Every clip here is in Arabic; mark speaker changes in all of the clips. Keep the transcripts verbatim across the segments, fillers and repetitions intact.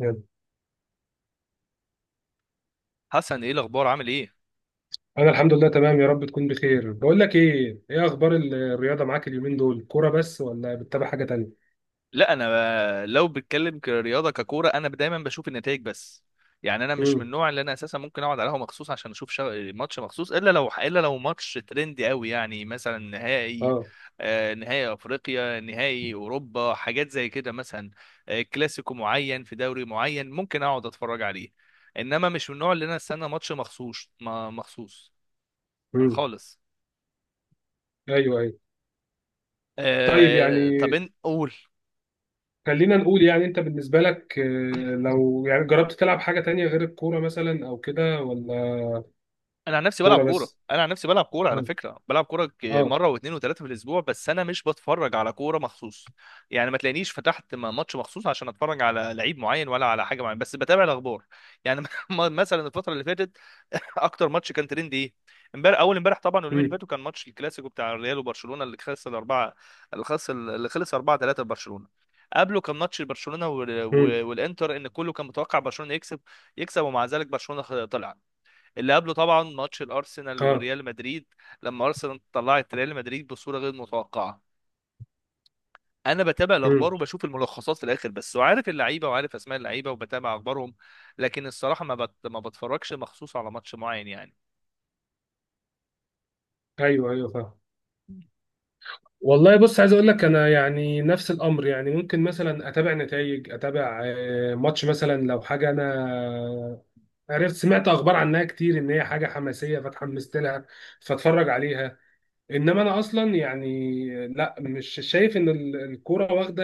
Speaker 1: يلا.
Speaker 2: حسن، ايه الاخبار؟ عامل ايه؟
Speaker 1: انا الحمد لله تمام، يا رب تكون بخير. بقول لك ايه، ايه اخبار ال- الرياضه معاك اليومين دول؟ كوره بس ولا بتتابع حاجه تانية؟
Speaker 2: لا، انا لو بتكلم كرياضه ككوره، انا دايما بشوف النتائج بس. يعني انا مش من
Speaker 1: امم.
Speaker 2: النوع اللي انا اساسا ممكن اقعد على قهوه مخصوص عشان اشوف شا... ماتش مخصوص، الا لو الا لو ماتش ترندي قوي، يعني مثلا نهائي.
Speaker 1: اه.
Speaker 2: آه، نهائي افريقيا، نهائي اوروبا، حاجات زي كده مثلا. آه، كلاسيكو معين في دوري معين ممكن اقعد اتفرج عليه. انما مش من النوع اللي انا استنى ماتش مخصوص، ما مخصوص
Speaker 1: امم.
Speaker 2: خالص.
Speaker 1: ايوه، ايوه. طيب،
Speaker 2: آه،
Speaker 1: يعني
Speaker 2: طب إن- قول.
Speaker 1: خلينا نقول، يعني انت بالنسبه لك، آه، لو يعني جربت تلعب حاجه تانية غير الكوره مثلا او كده، ولا؟
Speaker 2: انا عن نفسي بلعب
Speaker 1: كوره
Speaker 2: كوره،
Speaker 1: بس.
Speaker 2: انا عن نفسي بلعب كوره، على
Speaker 1: اه.
Speaker 2: فكره بلعب كوره ك-
Speaker 1: اه.
Speaker 2: مره واثنين وثلاثه في الاسبوع، بس انا مش بتفرج على كوره مخصوص. يعني ما تلاقينيش فتحت م- ماتش مخصوص عشان اتفرج على لعيب معين ولا على حاجه معينه، بس بتابع الاخبار. يعني م- مثلا الفتره اللي فاتت، اكتر ماتش كان ترند ايه؟ امبارح، اول امبارح طبعا، واليومين اللي
Speaker 1: امم.
Speaker 2: فاتوا كان ماتش الكلاسيكو بتاع الريال وبرشلونه، اللي خلص الاربعه. اللي خلص اللي خلص اربعه تلاته لبرشلونه. قبله كان ماتش برشلونه وال-
Speaker 1: امم.
Speaker 2: وال- والانتر، ان كله كان متوقع برشلونه يكسب. يكسب ومع ذلك برشلونه خ- طلع. اللي قبله طبعا ماتش الارسنال
Speaker 1: اه.
Speaker 2: وريال مدريد، لما ارسنال طلعت ريال مدريد بصوره غير متوقعه. انا بتابع
Speaker 1: امم.
Speaker 2: الاخبار وبشوف الملخصات في الاخر بس، وعارف اللعيبه وعارف اسماء اللعيبه وبتابع اخبارهم. لكن الصراحه ما بت... ما بتفرجش مخصوص على ماتش معين يعني.
Speaker 1: ايوه، ايوه، فاهم. والله، بص، عايز اقول لك انا يعني نفس الامر. يعني ممكن مثلا اتابع نتائج، اتابع آه، ماتش مثلا لو حاجه انا عرفت، سمعت اخبار عنها كتير ان هي حاجه حماسيه فاتحمست لها، فاتفرج عليها. انما انا اصلا يعني لا، مش شايف ان ال- الكوره واخده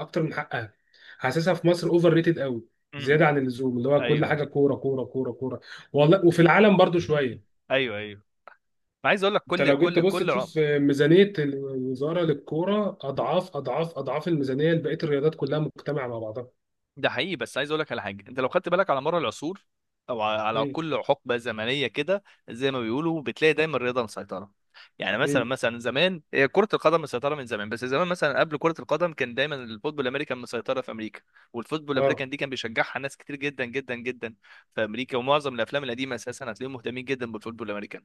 Speaker 1: اكتر من حقها. حاسسها في مصر اوفر ريتد قوي،
Speaker 2: امم،
Speaker 1: زياده عن اللزوم، اللي هو كل
Speaker 2: ايوه
Speaker 1: حاجه
Speaker 2: ايوه.
Speaker 1: كوره كوره كوره كوره. والله، وفي العالم برضو شويه.
Speaker 2: ايوه ايوه، عايز اقول لك،
Speaker 1: انت
Speaker 2: كل
Speaker 1: لو جيت
Speaker 2: كل
Speaker 1: تبص
Speaker 2: كل
Speaker 1: تشوف ميزانيه الوزاره للكوره اضعاف اضعاف اضعاف الميزانيه لبقيه الرياضات كلها مجتمعه مع بعضها.
Speaker 2: ده حقيقي. بس عايز اقول لك على حاجه، انت لو خدت بالك على مر العصور، او ع- على
Speaker 1: امم.
Speaker 2: كل حقبه زمنيه كده، زي ما بيقولوا، بتلاقي دايما الرياضه مسيطره. يعني مثلا
Speaker 1: امم.
Speaker 2: مثلا زمان هي كره القدم مسيطره من زمان، بس زمان مثلا قبل كره القدم كان دايما الفوتبول الامريكان مسيطره في امريكا. والفوتبول
Speaker 1: اه.
Speaker 2: الامريكان دي كان بيشجعها ناس كتير جدا جدا جدا في امريكا، ومعظم الافلام القديمه اساسا هتلاقيهم مهتمين جدا بالفوتبول الامريكان.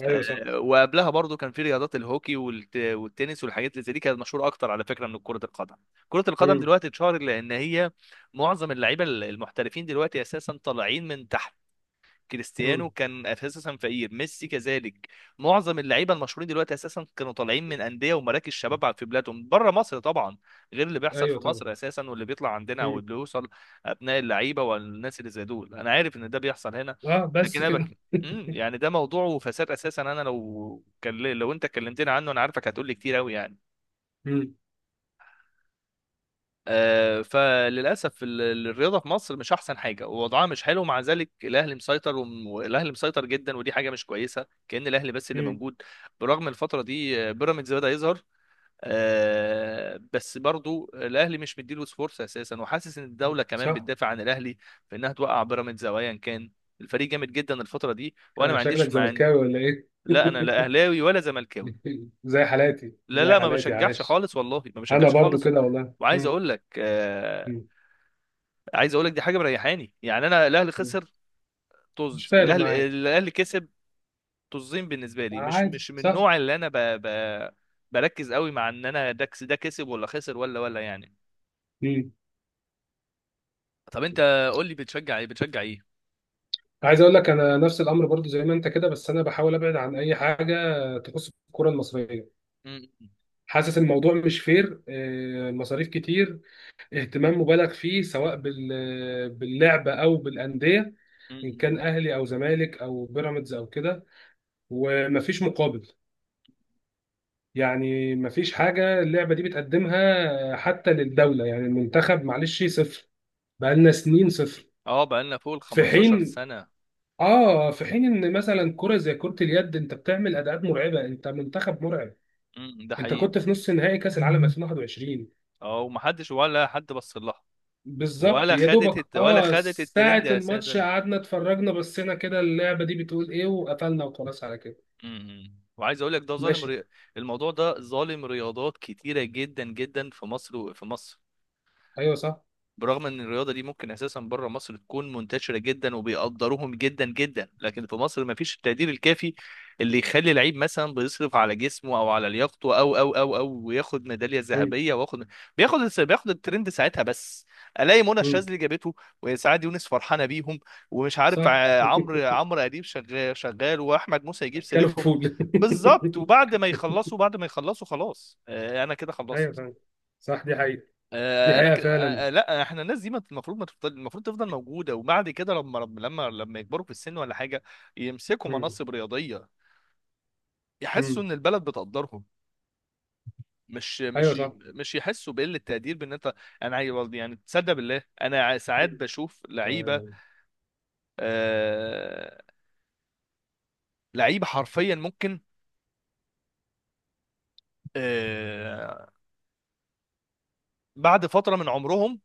Speaker 1: ايوه، صح.
Speaker 2: وقبلها برضو كان في رياضات الهوكي والت- والتنس والحاجات اللي زي دي، كانت مشهوره اكتر على فكره من كره القدم. كره القدم
Speaker 1: امم.
Speaker 2: دلوقتي اتشهرت لان هي معظم اللعيبه المحترفين دلوقتي اساسا طالعين من تحت. كريستيانو
Speaker 1: امم.
Speaker 2: كان اساسا فقير، ميسي كذلك. معظم اللعيبه المشهورين دلوقتي اساسا كانوا طالعين من انديه ومراكز شباب في بلادهم، بره مصر طبعا، غير اللي بيحصل
Speaker 1: ايوه،
Speaker 2: في
Speaker 1: طبعا.
Speaker 2: مصر اساسا، واللي بيطلع عندنا او اللي بيوصل ابناء اللعيبه والناس اللي زي دول. انا عارف ان ده بيحصل هنا،
Speaker 1: اه،
Speaker 2: لكن
Speaker 1: بس
Speaker 2: انا
Speaker 1: كده.
Speaker 2: بك... مم، يعني ده موضوع وفساد اساسا. انا لو كان لو انت كلمتني عنه انا عارفك هتقول لي كتير قوي يعني.
Speaker 1: امم.
Speaker 2: آه، فللاسف ال- ال- الرياضه في مصر مش احسن حاجه، ووضعها مش حلو. مع ذلك الاهلي مسيطر وم- والاهلي مسيطر جدا، ودي حاجه مش كويسه، كأن الاهلي بس اللي
Speaker 1: امم.
Speaker 2: موجود. برغم الفتره دي آه، بيراميدز بدا يظهر. آه، بس برضو الاهلي مش مديله فرصه اساسا، وحاسس ان الدوله كمان
Speaker 1: صح.
Speaker 2: بتدافع عن الاهلي في انها توقع بيراميدز او ايا كان. الفريق جامد جدا الفتره دي وانا
Speaker 1: آه،
Speaker 2: ما
Speaker 1: شكلك
Speaker 2: عنديش مع.
Speaker 1: زملكاوي ولا ايه؟
Speaker 2: لا انا لا اهلاوي ولا زملكاوي.
Speaker 1: زي حالاتي،
Speaker 2: لا
Speaker 1: زي
Speaker 2: لا، ما
Speaker 1: حالاتي
Speaker 2: بشجعش
Speaker 1: عايش.
Speaker 2: خالص والله، ما
Speaker 1: انا
Speaker 2: بشجعش
Speaker 1: برضو
Speaker 2: خالص.
Speaker 1: كده والله.
Speaker 2: وعايز
Speaker 1: مم.
Speaker 2: اقول لك آه،
Speaker 1: مم.
Speaker 2: عايز اقول لك دي حاجه مريحاني. يعني انا الاهلي
Speaker 1: مم.
Speaker 2: خسر،
Speaker 1: مش
Speaker 2: طز،
Speaker 1: فارق
Speaker 2: الاهلي
Speaker 1: معايا.
Speaker 2: الاهلي كسب، طزين، بالنسبه لي مش
Speaker 1: عادي،
Speaker 2: مش من
Speaker 1: صح.
Speaker 2: النوع اللي انا ب... ب... بركز قوي مع ان انا ده كس- ده كسب ولا خسر ولا ولا يعني.
Speaker 1: مم.
Speaker 2: طب انت قول لي، بتشجع ايه؟ بتشجع ايه؟
Speaker 1: عايز اقول لك انا نفس الامر برضو زي ما انت كده، بس انا بحاول ابعد عن اي حاجه تخص الكره المصريه.
Speaker 2: م- م-
Speaker 1: حاسس الموضوع مش فير. آه، المصاريف كتير، اهتمام مبالغ فيه سواء بال- باللعبه او بالانديه،
Speaker 2: م-
Speaker 1: ان
Speaker 2: م.
Speaker 1: كان اهلي او زمالك او بيراميدز او كده، ومفيش مقابل. يعني مفيش حاجة اللعبة دي بتقدمها حتى للدولة، يعني المنتخب معلش صفر، بقالنا سنين صفر.
Speaker 2: اه، بقالنا فوق ال
Speaker 1: في
Speaker 2: خمستاشر
Speaker 1: حين،
Speaker 2: سنه.
Speaker 1: اه، في حين ان مثلا كرة زي كرة اليد، انت بتعمل اداءات مرعبة، انت منتخب مرعب.
Speaker 2: م- ده
Speaker 1: انت
Speaker 2: حقيقي.
Speaker 1: كنت في نص نهائي كأس العالم ألفين وواحد وعشرين.
Speaker 2: اه، ومحدش ولا حد بص لها.
Speaker 1: بالظبط،
Speaker 2: ولا
Speaker 1: يا
Speaker 2: خدت
Speaker 1: دوبك
Speaker 2: الت... ولا
Speaker 1: اه
Speaker 2: خدت الترند
Speaker 1: ساعة الماتش
Speaker 2: اساسا.
Speaker 1: قعدنا اتفرجنا، بصينا كده اللعبة دي بتقول ايه، وقفلنا وخلاص على كده.
Speaker 2: م- م. وعايز اقول لك ده ظالم.
Speaker 1: ماشي.
Speaker 2: ري... الموضوع ده ظالم رياضات كتيره جدا جدا في مصر. وفي مصر
Speaker 1: ايوه، صح.
Speaker 2: برغم ان الرياضه دي ممكن اساسا بره مصر تكون منتشره جدا وبيقدروهم جدا جدا، لكن في مصر ما فيش التقدير الكافي اللي يخلي لعيب مثلا بيصرف على جسمه او على لياقته، او او او او وياخد ميداليه
Speaker 1: مم.
Speaker 2: ذهبيه، واخد، بياخد بياخد الترند ساعتها بس. الاقي منى
Speaker 1: مم.
Speaker 2: الشاذلي جابته، وسعاد يونس فرحانه بيهم، ومش عارف
Speaker 1: صح.
Speaker 2: ع- عمرو عمرو اديب شغال شغال، واحمد موسى يجيب سيرتهم.
Speaker 1: كلفول.
Speaker 2: بالظبط، وبعد ما يخلصوا، بعد ما يخلصوا خلاص، آه، انا كده
Speaker 1: ايوه
Speaker 2: خلصت.
Speaker 1: فعلا. صح، دي حقيقة. دي
Speaker 2: آه، انا
Speaker 1: حقيقة
Speaker 2: ك... آه،
Speaker 1: فعلا.
Speaker 2: آه، لا، احنا الناس دي ما- المفروض ما تفضل، المفروض تفضل موجوده، وبعد كده لما لما لما يكبروا في السن ولا حاجه يمسكوا
Speaker 1: مم.
Speaker 2: مناصب رياضيه، يحسوا
Speaker 1: مم.
Speaker 2: ان البلد بتقدرهم، مش،
Speaker 1: ايوه،
Speaker 2: مش
Speaker 1: صح.
Speaker 2: مش يحسوا بقله تقدير بان انت. انا عايز- يعني تصدق بالله، انا ع- ساعات
Speaker 1: مم.
Speaker 2: بشوف لعيبه،
Speaker 1: تمام.
Speaker 2: آه... لعيبه حرفيا ممكن آه... بعد فتره من عمرهم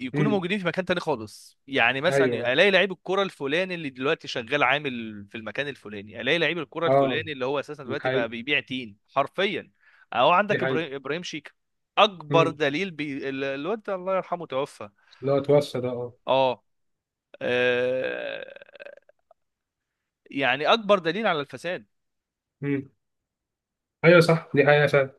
Speaker 2: يكونوا
Speaker 1: مم.
Speaker 2: موجودين في مكان تاني خالص. يعني مثلا
Speaker 1: ايوه.
Speaker 2: الاقي لعيب الكرة الفلاني اللي دلوقتي شغال عامل في المكان الفلاني، الاقي لعيب الكرة
Speaker 1: اه،
Speaker 2: الفلاني اللي هو اساسا
Speaker 1: دي
Speaker 2: دلوقتي بقى
Speaker 1: حقيقة.
Speaker 2: بيبيع تين حرفيا، او
Speaker 1: دي
Speaker 2: عندك
Speaker 1: حقيقة.
Speaker 2: ابراهيم ابراهيم شيك اكبر
Speaker 1: مم.
Speaker 2: دليل. بي... ال- الواد ده الله يرحمه توفى.
Speaker 1: لا، اتوصى ده، اه.
Speaker 2: اه، آه، يعني اكبر دليل على الفساد.
Speaker 1: مم. ايوه، صح، دي حقيقة فعلا.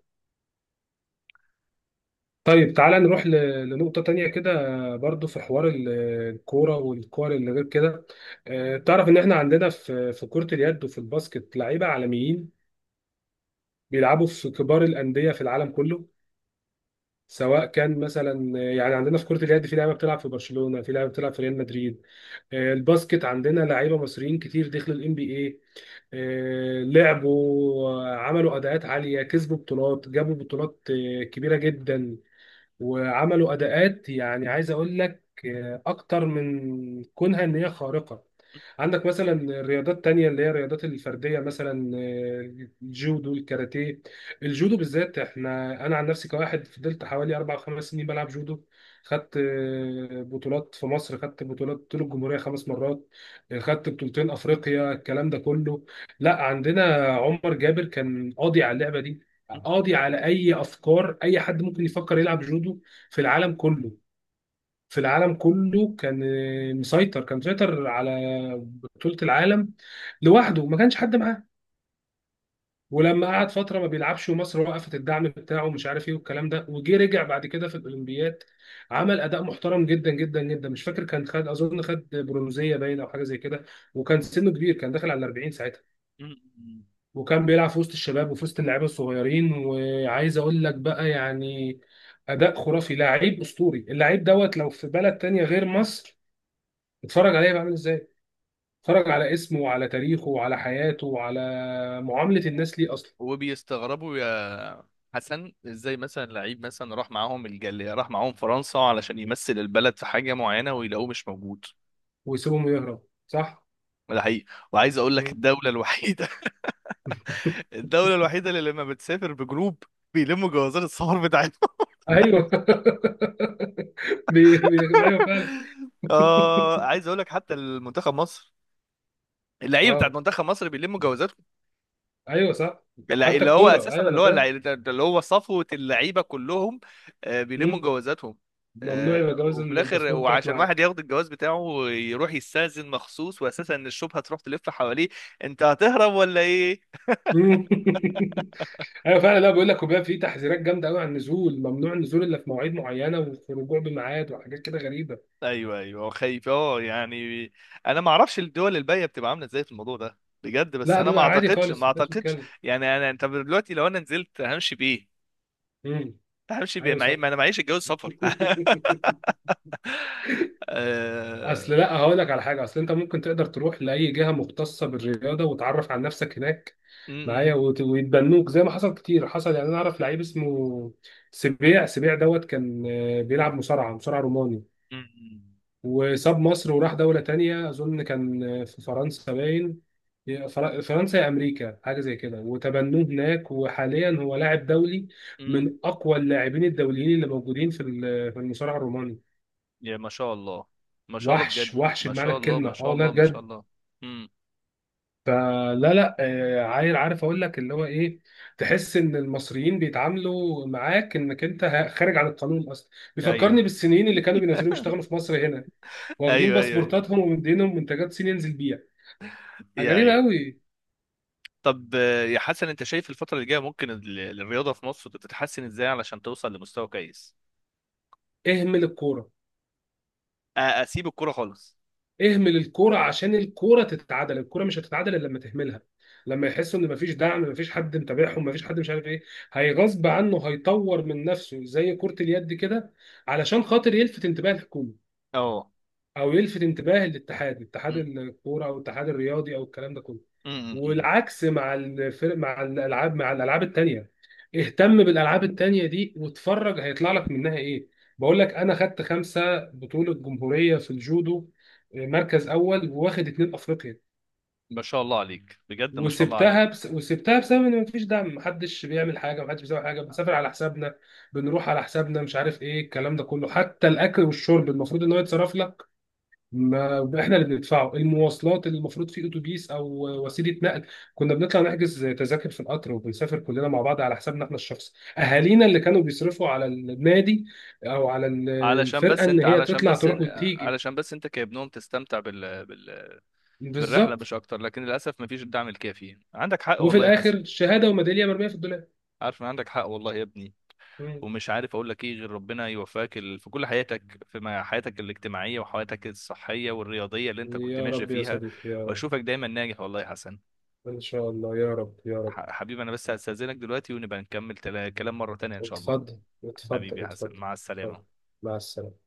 Speaker 1: طيب، تعالى نروح ل... لنقطة تانية كده. برضو في حوار ال- الكورة والكور اللي غير كده. آه، تعرف ان احنا عندنا في في كرة اليد وفي الباسكت لعيبة عالميين بيلعبوا في كبار الأندية في العالم كله. سواء كان مثلا يعني عندنا في كرة اليد في لعيبة بتلعب في برشلونة، في لعيبة بتلعب في ريال مدريد. آه، الباسكت عندنا لعيبة مصريين كتير دخلوا الام بي اي، لعبوا آه، عملوا اداءات عالية، كسبوا بطولات، جابوا بطولات آه، كبيرة جدا، وعملوا اداءات. يعني عايز اقول لك آه، اكتر من كونها ان هي خارقه. عندك مثلا الرياضات التانية اللي هي الرياضات الفردية، مثلا آه، الجودو، الكاراتيه. الجودو بالذات، احنا انا عن نفسي كواحد فضلت حوالي اربع او خمس سنين بلعب جودو. خدت آه، بطولات في مصر، خدت بطولات طول الجمهورية خمس مرات. آه، خدت بطولتين افريقيا، الكلام ده كله. لا، عندنا عمر جابر كان قاضي على اللعبة دي،
Speaker 2: م-
Speaker 1: قاضي على اي افكار اي حد ممكن يفكر يلعب جودو في العالم كله. في العالم كله كان آه، مسيطر كان مسيطر على بطولة العالم لوحده، ما كانش حد معاه. ولما قعد فترة ما بيلعبش، ومصر وقفت الدعم بتاعه ومش عارف ايه والكلام ده، وجي رجع بعد كده في الاولمبياد، عمل اداء محترم جدا جدا جدا. مش فاكر، كان خد اظن خد برونزية باين او حاجة زي كده. وكان سنه كبير، كان داخل على أربعين ساعتها،
Speaker 2: م- م.
Speaker 1: وكان بيلعب في وسط الشباب وفي وسط اللعيبه الصغيرين. وعايز اقول لك بقى يعني اداء خرافي، لعيب اسطوري. اللعيب دوت لو في بلد تانية غير مصر، اتفرج عليه بقى عامل ازاي، اتفرج على اسمه وعلى تاريخه وعلى حياته وعلى معامله الناس ليه اصلا.
Speaker 2: وبيستغربوا يا حسن، ازاي مثلا لعيب مثلا راح معاهم الجالية، راح معاهم فرنسا علشان يمثل البلد في حاجة معينة، ويلاقوه مش موجود.
Speaker 1: ويسيبهم يهرب، صح.
Speaker 2: ده حقيقي. وعايز اقول لك
Speaker 1: مم.
Speaker 2: الدوله الوحيده، الدوله الوحيده اللي لما بتسافر بجروب بيلموا جوازات السفر بتاعتهم.
Speaker 1: ايوه. بي... بي... ايوه فعلا.
Speaker 2: اه، عايز اقول لك، حتى المنتخب مصر، اللعيبه
Speaker 1: اه.
Speaker 2: بتاعت منتخب مصر بيلموا جوازاتهم.
Speaker 1: ايوه، صح.
Speaker 2: الل-
Speaker 1: حتى
Speaker 2: اللي هو
Speaker 1: الكوره،
Speaker 2: اساسا،
Speaker 1: ايوه،
Speaker 2: اللي
Speaker 1: انا
Speaker 2: هو اللع-
Speaker 1: فاهم.
Speaker 2: اللي هو صفوه اللعيبه كلهم، آه، بيلموا
Speaker 1: مم.
Speaker 2: جوازاتهم.
Speaker 1: ممنوع
Speaker 2: آه،
Speaker 1: يبقى جواز
Speaker 2: وفي الاخر،
Speaker 1: الباسبور بتاعك
Speaker 2: وعشان واحد
Speaker 1: معاك.
Speaker 2: ياخد الجواز بتاعه يروح يستأذن مخصوص، واساسا ان الشبهه تروح تلف حواليه، انت هتهرب ولا ايه؟
Speaker 1: مم. ايوه فعلا. لا، بيقول لك وبيبقى في تحذيرات جامده قوي عن النزول، ممنوع النزول الا في مواعيد معينه، وفي الرجوع بميعاد، وحاجات كده غريبه.
Speaker 2: ايوه ايوه، هو خايف اه يعني. انا ما اعرفش الدول الباقيه بتبقى عامله ازاي في الموضوع ده بجد، بس
Speaker 1: لا،
Speaker 2: انا ما
Speaker 1: بيبقى عادي
Speaker 2: اعتقدش، ما
Speaker 1: خالص ما
Speaker 2: اعتقدش.
Speaker 1: بتتكلم.
Speaker 2: يعني انا، انت دلوقتي لو انا نزلت همشي بايه؟
Speaker 1: امم.
Speaker 2: همشي بايه؟
Speaker 1: ايوه،
Speaker 2: معي،
Speaker 1: صح.
Speaker 2: ما انا معيش الجواز سفر.
Speaker 1: اصل
Speaker 2: آه،
Speaker 1: لا، هقول لك على حاجه. اصل انت ممكن تقدر تروح لاي جهه مختصه بالرياضه وتعرف عن نفسك هناك
Speaker 2: م-
Speaker 1: معايا،
Speaker 2: م-
Speaker 1: وت- ويتبنوك زي ما حصل كتير. حصل، يعني انا اعرف لعيب اسمه سبيع سبيع دوت، كان آه، بيلعب مصارعه، مصارع روماني،
Speaker 2: م-
Speaker 1: وساب مصر وراح دولة تانية، أظن كان في فرنسا باين. فر- فرنسا يا أمريكا حاجة زي كده، وتبنوه هناك، وحاليا هو لاعب دولي
Speaker 2: م-
Speaker 1: من أقوى اللاعبين الدوليين اللي موجودين في ال- في المصارعة الروماني.
Speaker 2: يا ما شاء الله، ما شاء الله بجد.
Speaker 1: وحش، وحش
Speaker 2: ما
Speaker 1: بمعنى
Speaker 2: شاء الله،
Speaker 1: الكلمة،
Speaker 2: ما
Speaker 1: أه
Speaker 2: شاء
Speaker 1: والله
Speaker 2: الله، ما شاء
Speaker 1: بجد.
Speaker 2: الله. امم،
Speaker 1: فلا، لا، آه، عيل عارف أقول لك اللي هو إيه، تحس إن المصريين بيتعاملوا معاك إنك أنت ه- خارج عن القانون أصلا. بيفكرني
Speaker 2: ايوه.
Speaker 1: بالصينيين اللي كانوا بينزلوا يشتغلوا في مصر هنا، واخدين
Speaker 2: ايوه ايوه ايوه،
Speaker 1: باسبورتاتهم ومدينهم منتجات صين ينزل بيها.
Speaker 2: يا
Speaker 1: غريبة
Speaker 2: ايوه.
Speaker 1: قوي.
Speaker 2: طب آه، يا حسن، انت شايف الفتره اللي جايه ممكن ال- الرياضه في مصر تتحسن ازاي علشان توصل لمستوى كويس؟
Speaker 1: اهمل الكورة.
Speaker 2: آه، اسيب الكوره خالص.
Speaker 1: اهمل الكورة عشان الكورة تتعادل. الكورة مش هتتعادل إلا لما تهملها. لما يحسوا ان مفيش دعم، مفيش حد متابعهم، مفيش حد، مش عارف ايه، هيغصب عنه هيطور من نفسه زي كرة اليد كده، علشان خاطر يلفت انتباه الحكومة،
Speaker 2: اه.
Speaker 1: او يلفت انتباه الاتحاد، اتحاد
Speaker 2: م-
Speaker 1: الكوره، او الاتحاد الرياضي، او الكلام ده كله.
Speaker 2: م- م- م.
Speaker 1: والعكس مع الفرق، مع الالعاب مع الالعاب التانيه، اهتم بالالعاب التانيه دي واتفرج هيطلع لك منها ايه. بقول لك انا خدت خمسه بطوله جمهوريه في الجودو، آه، مركز اول، واخد اتنين افريقيا.
Speaker 2: ما شاء الله عليك بجد، ما شاء الله
Speaker 1: وسبتها
Speaker 2: عليك.
Speaker 1: بس... وسبتها بسبب ان مفيش دعم، محدش بيعمل حاجه، محدش بيسوي حاجه، بنسافر على حسابنا، بنروح على حسابنا، مش عارف ايه الكلام ده كله. حتى الاكل والشرب المفروض ان هو يتصرف لك، ما احنا اللي بندفعه. المواصلات اللي المفروض في اتوبيس او وسيله نقل، كنا بنطلع نحجز تذاكر في القطر وبنسافر كلنا مع بعض على حسابنا احنا الشخصي. اهالينا اللي كانوا بيصرفوا على النادي او على ال-
Speaker 2: علشان
Speaker 1: الفرقه
Speaker 2: بس
Speaker 1: ان
Speaker 2: انت
Speaker 1: هي
Speaker 2: علشان
Speaker 1: تطلع
Speaker 2: بس
Speaker 1: تروح
Speaker 2: انت
Speaker 1: وتيجي.
Speaker 2: علشان بس انت كابنهم تستمتع بال... بال... بالرحله
Speaker 1: بالظبط.
Speaker 2: مش اكتر، لكن للاسف ما فيش الدعم الكافي، عندك حق
Speaker 1: وفي
Speaker 2: والله يا حسن.
Speaker 1: الاخر شهاده وميداليه مرميه في الدولاب.
Speaker 2: عارف ان عندك حق والله يا ابني،
Speaker 1: مم.
Speaker 2: ومش عارف اقول لك ايه غير ربنا يوفقك ال... في كل حياتك، في ما- حياتك الاجتماعيه وحياتك الصحيه والرياضيه اللي انت كنت
Speaker 1: يا
Speaker 2: ماشي
Speaker 1: رب، يا
Speaker 2: فيها،
Speaker 1: صديقي، يا رب.
Speaker 2: واشوفك دايما ناجح والله يا حسن.
Speaker 1: ان شاء الله، يا رب، يا رب.
Speaker 2: ح... حبيبي، انا بس هستاذنك دلوقتي، ونبقى نكمل تلا... كلام مره تانية ان شاء الله.
Speaker 1: اتفضل،
Speaker 2: حبيبي
Speaker 1: اتفضل،
Speaker 2: يا
Speaker 1: اتفضل.
Speaker 2: حسن، مع
Speaker 1: اتفضل.
Speaker 2: السلامة.
Speaker 1: مع السلامه.